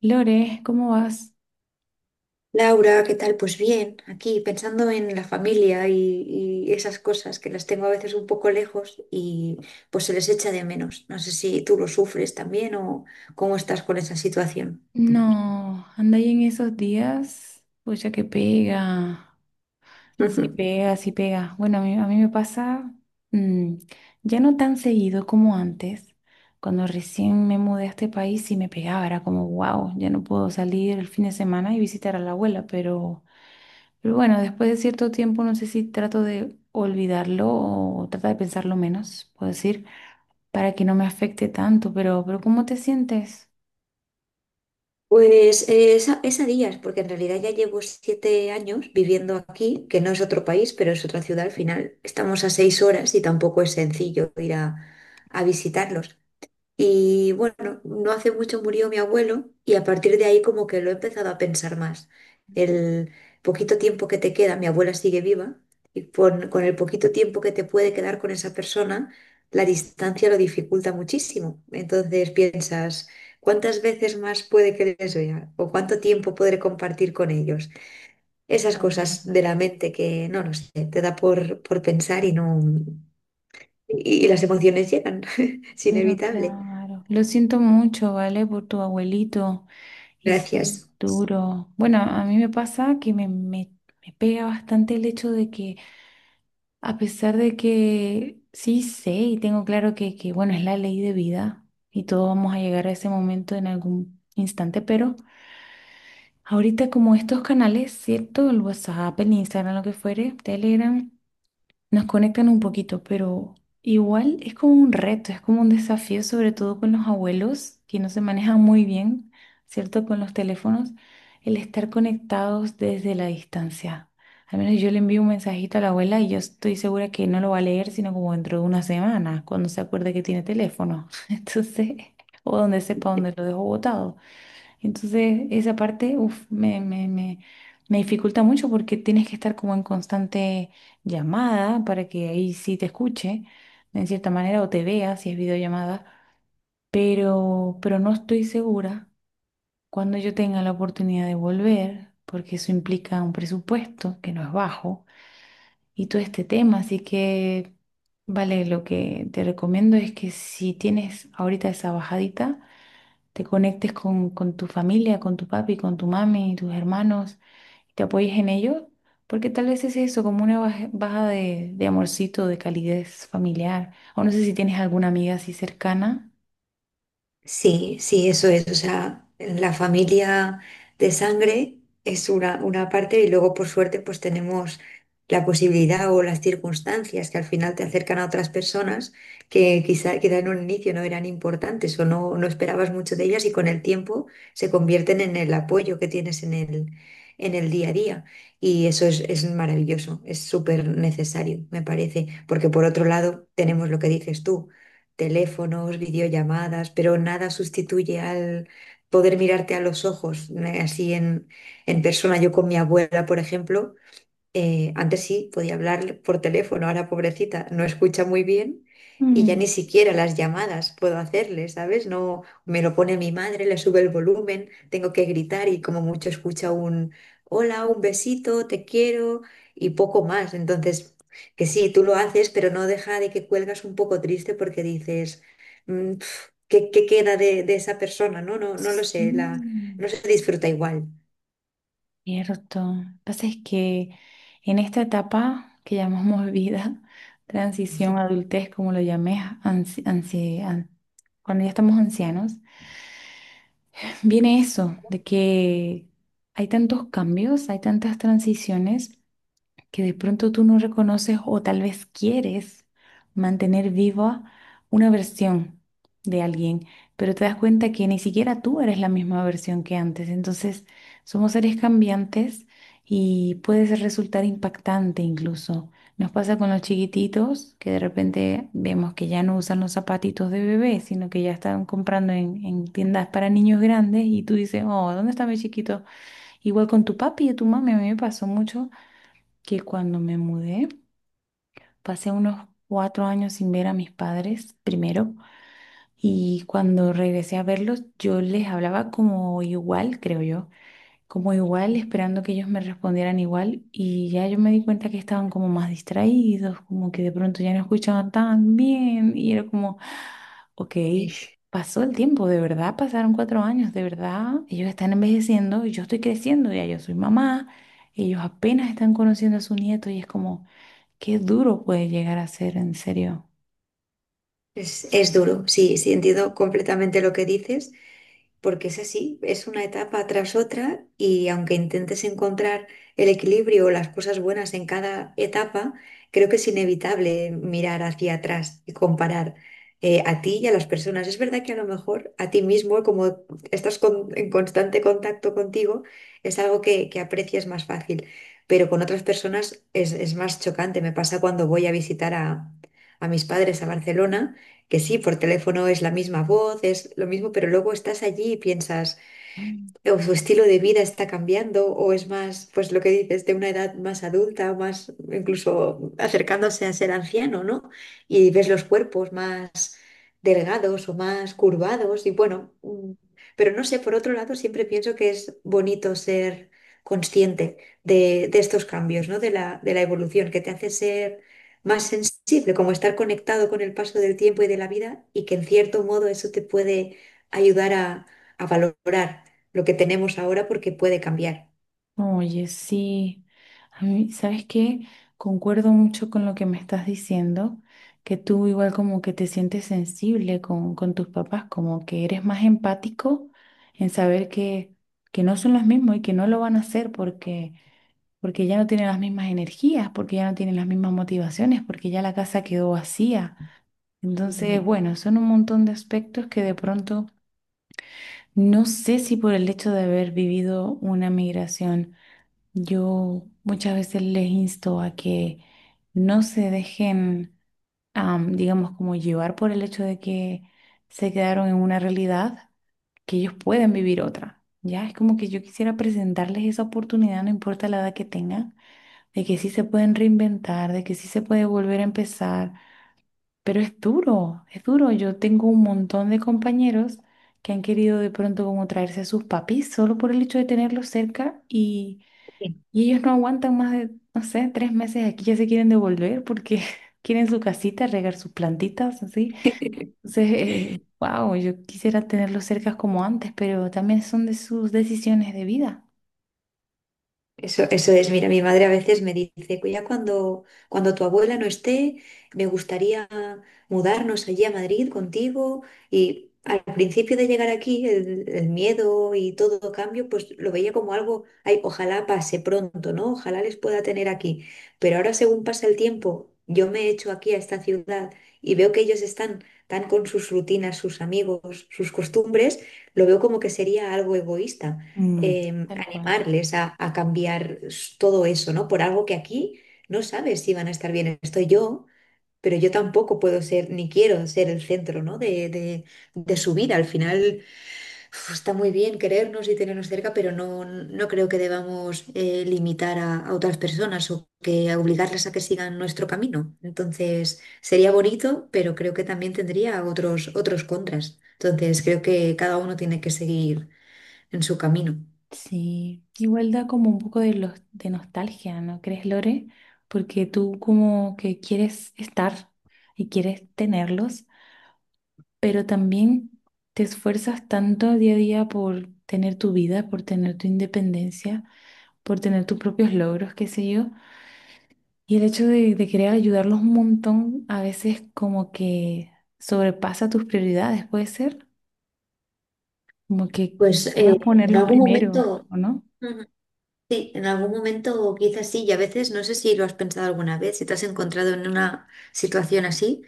Lore, ¿cómo vas? Laura, ¿qué tal? Pues bien, aquí pensando en la familia y esas cosas que las tengo a veces un poco lejos y pues se les echa de menos. No sé si tú lo sufres también o cómo estás con esa situación. No, anda ahí en esos días. Pucha que pega. Sí pega, sí pega. Bueno, a mí me pasa mm, ya no tan seguido como antes. Cuando recién me mudé a este país sí me pegaba, era como, wow, ya no puedo salir el fin de semana y visitar a la abuela, pero bueno, después de cierto tiempo no sé si trato de olvidarlo o tratar de pensarlo menos, puedo decir, para que no me afecte tanto, pero ¿cómo te sientes? Pues es a días, porque en realidad ya llevo 7 años viviendo aquí, que no es otro país, pero es otra ciudad al final. Estamos a 6 horas y tampoco es sencillo a visitarlos. Y bueno, no hace mucho murió mi abuelo y a partir de ahí como que lo he empezado a pensar más. El poquito tiempo que te queda, mi abuela sigue viva, y con el poquito tiempo que te puede quedar con esa persona, la distancia lo dificulta muchísimo. Entonces piensas, ¿cuántas veces más puede que les vea? ¿O cuánto tiempo podré compartir con ellos? Esas cosas de Mm. la mente que, no lo sé, te da por pensar y no... Y las emociones llegan, es Pero inevitable. claro, lo siento mucho, ¿vale? Por tu abuelito. Y sí, Gracias. duro. Bueno, a mí me pasa me pega bastante el hecho de que, a pesar de que sí sé y tengo claro que, bueno, es la ley de vida y todos vamos a llegar a ese momento en algún instante, pero ahorita como estos canales, ¿cierto? El WhatsApp, el Instagram, lo que fuere, Telegram. Nos conectan un poquito, pero igual es como un reto, es como un desafío, sobre todo con los abuelos que no se manejan muy bien, ¿cierto? Con los teléfonos, el estar conectados desde la distancia. Al menos yo le envío un mensajito a la abuela y yo estoy segura que no lo va a leer, sino como dentro de una semana, cuando se acuerde que tiene teléfono. Entonces, o donde sepa dónde lo dejo botado. Entonces, esa parte, uf, me dificulta mucho porque tienes que estar como en constante llamada para que ahí sí te escuche, en cierta manera, o te vea si es videollamada, pero no estoy segura cuando yo tenga la oportunidad de volver, porque eso implica un presupuesto que no es bajo y todo este tema, así que, vale, lo que te recomiendo es que si tienes ahorita esa bajadita, te conectes con tu familia, con tu papi, con tu mami, tus hermanos, y te apoyes en ellos, porque tal vez es eso, como una baja, baja de amorcito, de calidez familiar. O no sé si tienes alguna amiga así cercana. Sí, sí, eso es. O sea, la familia de sangre es una parte y luego por suerte pues tenemos la posibilidad o las circunstancias que al final te acercan a otras personas que quizá en un inicio no eran importantes o no, no esperabas mucho de ellas y con el tiempo se convierten en el apoyo que tienes en el día a día. Y eso es maravilloso, es súper necesario, me parece, porque por otro lado tenemos lo que dices tú teléfonos, videollamadas, pero nada sustituye al poder mirarte a los ojos, así en persona. Yo con mi abuela, por ejemplo, antes sí podía hablar por teléfono, ahora pobrecita no escucha muy bien y ya ni Mm, siquiera las llamadas puedo hacerle, ¿sabes? No me lo pone mi madre, le sube el volumen, tengo que gritar y como mucho escucha un hola, un besito, te quiero y poco más. Entonces, que sí, tú lo haces, pero no deja de que cuelgas un poco triste porque dices, "Mm, pf, qué queda de esa persona? No, no, no lo sé, la, sí, no se disfruta igual." cierto. Lo que pasa es que en esta etapa que llamamos vida, transición, adultez, como lo llamé, ansi- ansi- an- cuando ya estamos ancianos, viene eso, de que hay tantos cambios, hay tantas transiciones que de pronto tú no reconoces o tal vez quieres mantener viva una versión de alguien, pero te das cuenta que ni siquiera tú eres la misma versión que antes. Entonces, somos seres cambiantes y resultar impactante incluso. Nos pasa con los chiquititos que de repente vemos que ya no usan los zapatitos de bebé, sino que ya están comprando en tiendas para niños grandes y tú dices, oh, ¿dónde está mi chiquito? Igual con tu papi y tu mami, a mí me pasó mucho que cuando me mudé, pasé unos cuatro años sin ver a mis padres primero y cuando regresé a verlos, yo les hablaba como igual, creo yo, como igual, esperando que ellos me respondieran igual y ya yo me di cuenta que estaban como más distraídos, como que de pronto ya no escuchaban tan bien y era como, ok. Pasó el tiempo, de verdad pasaron cuatro años, de verdad ellos están envejeciendo y yo estoy creciendo, ya yo soy mamá, ellos apenas están conociendo a su nieto y es como, qué duro puede llegar a ser, en serio. Es duro, sí, sí, entiendo completamente lo que dices, porque es así, es una etapa tras otra y aunque intentes encontrar el equilibrio o las cosas buenas en cada etapa, creo que es inevitable mirar hacia atrás y comparar a ti y a las personas. Es verdad que a lo mejor a ti mismo, como estás en constante contacto contigo, es algo que aprecias más fácil, pero con otras personas es más chocante. Me pasa cuando voy a visitar a mis padres a Barcelona que sí, por teléfono es la misma voz, es lo mismo, pero luego estás allí y piensas Mm. o su estilo de vida está cambiando o es más, pues lo que dices, de una edad más adulta o más incluso acercándose a ser anciano, ¿no? Y ves los cuerpos más delgados o más curvados y bueno, pero no sé, por otro lado siempre pienso que es bonito ser consciente de estos cambios, ¿no? De de la evolución que te hace ser más sensible, como estar conectado con el paso del tiempo y de la vida y que en cierto modo eso te puede ayudar a valorar lo que tenemos ahora porque puede cambiar. Oye, sí. A mí, ¿sabes qué? Concuerdo mucho con lo que me estás diciendo, que tú igual como que te sientes sensible con tus papás, como que eres más empático en saber que no son los mismos y que no lo van a hacer porque ya no tienen las mismas energías, porque ya no tienen las mismas motivaciones, porque ya la casa quedó vacía. Ujú. Entonces, bueno, son un montón de aspectos que de pronto no sé si por el hecho de haber vivido una migración, yo muchas veces les insto a que no se dejen, digamos, como llevar por el hecho de que se quedaron en una realidad, que ellos pueden Ujú. vivir otra. Ya es como que yo quisiera presentarles esa oportunidad, no importa la edad que tengan, de que sí se pueden reinventar, de que sí se puede volver a empezar pero es duro, es duro. Yo tengo un montón de compañeros que han querido de pronto como traerse a sus papis solo por el hecho de tenerlos cerca y ellos no aguantan más de, no sé, tres meses aquí, ya se quieren devolver porque quieren su casita, regar sus plantitas, así. Entonces, wow, yo quisiera tenerlos cerca como antes, pero también son de sus decisiones de vida. Eso es, mira, mi madre a veces me dice, ya cuando tu abuela no esté, me gustaría mudarnos allí a Madrid contigo. Y al principio de llegar aquí, el miedo y todo cambio, pues lo veía como algo, ay, ojalá pase pronto, ¿no? Ojalá les pueda tener aquí. Pero ahora, según pasa el tiempo, yo me echo aquí a esta ciudad y veo que ellos están tan con sus rutinas, sus amigos, sus costumbres, lo veo como que sería algo egoísta Mm, tal cual. animarles a cambiar todo eso, ¿no? Por algo que aquí no sabes si van a estar bien. Estoy yo, pero yo tampoco puedo ser, ni quiero ser el centro, ¿no? De su vida. Al final, uf, está muy bien querernos y tenernos cerca, pero no, no creo que debamos limitar a otras personas o que a obligarles a que sigan nuestro camino. Entonces, sería bonito, pero creo que también tendría otros, otros contras. Entonces, creo que cada uno tiene que seguir en su camino. Sí, igual da como un poco de, los, de nostalgia, ¿no crees, Lore? Porque tú como que quieres estar y quieres tenerlos, pero también te esfuerzas tanto día a día por tener tu vida, por tener tu independencia, por tener tus propios logros, qué sé yo. Y el hecho de querer ayudarlos un montón a veces como que sobrepasa tus prioridades, puede ser, como que Pues quieras en ponerlos algún primero, momento, ¿o no? ujú, sí, en algún momento quizás sí, y a veces no sé si lo has pensado alguna vez, si te has encontrado en una situación así,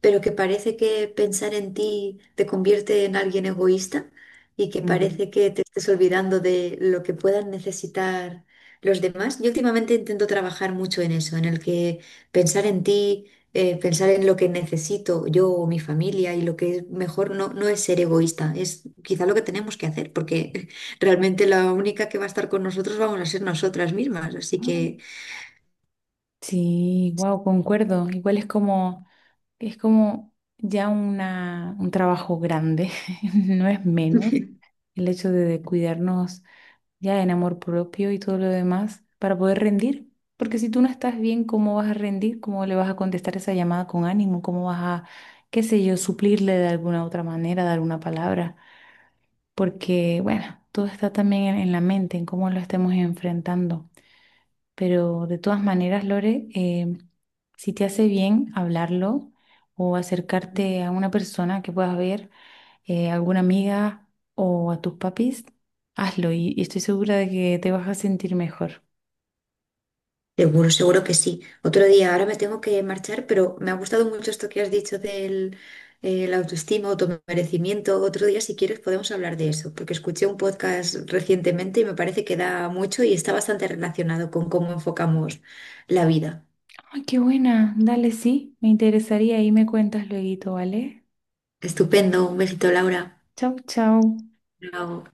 pero que parece que pensar en ti te convierte en alguien egoísta y que Mm. parece que te estés olvidando de lo que puedan necesitar los demás. Yo últimamente intento trabajar mucho en eso, en el que pensar en ti, pensar en lo que necesito yo o mi familia y lo que es mejor no, no es ser egoísta, es quizá lo que tenemos que hacer, porque realmente la única que va a estar con nosotros vamos a ser nosotras mismas, así que Sí, wow, concuerdo. Igual es como ya una, un trabajo grande, no es menos el hecho de cuidarnos ya en amor propio y todo lo demás para poder rendir. Porque si tú no estás bien, ¿cómo vas a rendir? ¿Cómo le vas a contestar esa llamada con ánimo? ¿Cómo vas a, qué sé yo, suplirle de alguna otra manera, dar una palabra? Porque, bueno, todo está también en la mente, en cómo lo estemos enfrentando. Pero de todas maneras, Lore, si te hace bien hablarlo o acercarte a una persona que puedas ver, alguna amiga o a tus papis, hazlo y estoy segura de que te vas a sentir mejor. seguro, seguro que sí. Otro día, ahora me tengo que marchar, pero me ha gustado mucho esto que has dicho del la autoestima, automerecimiento. Otro día, si quieres, podemos hablar de eso, porque escuché un podcast recientemente y me parece que da mucho y está bastante relacionado con cómo enfocamos la vida. ¡Ay, qué buena! Dale, sí, me interesaría y me cuentas luego, ¿vale? Estupendo, un besito, Laura. Chau, chau. Chao.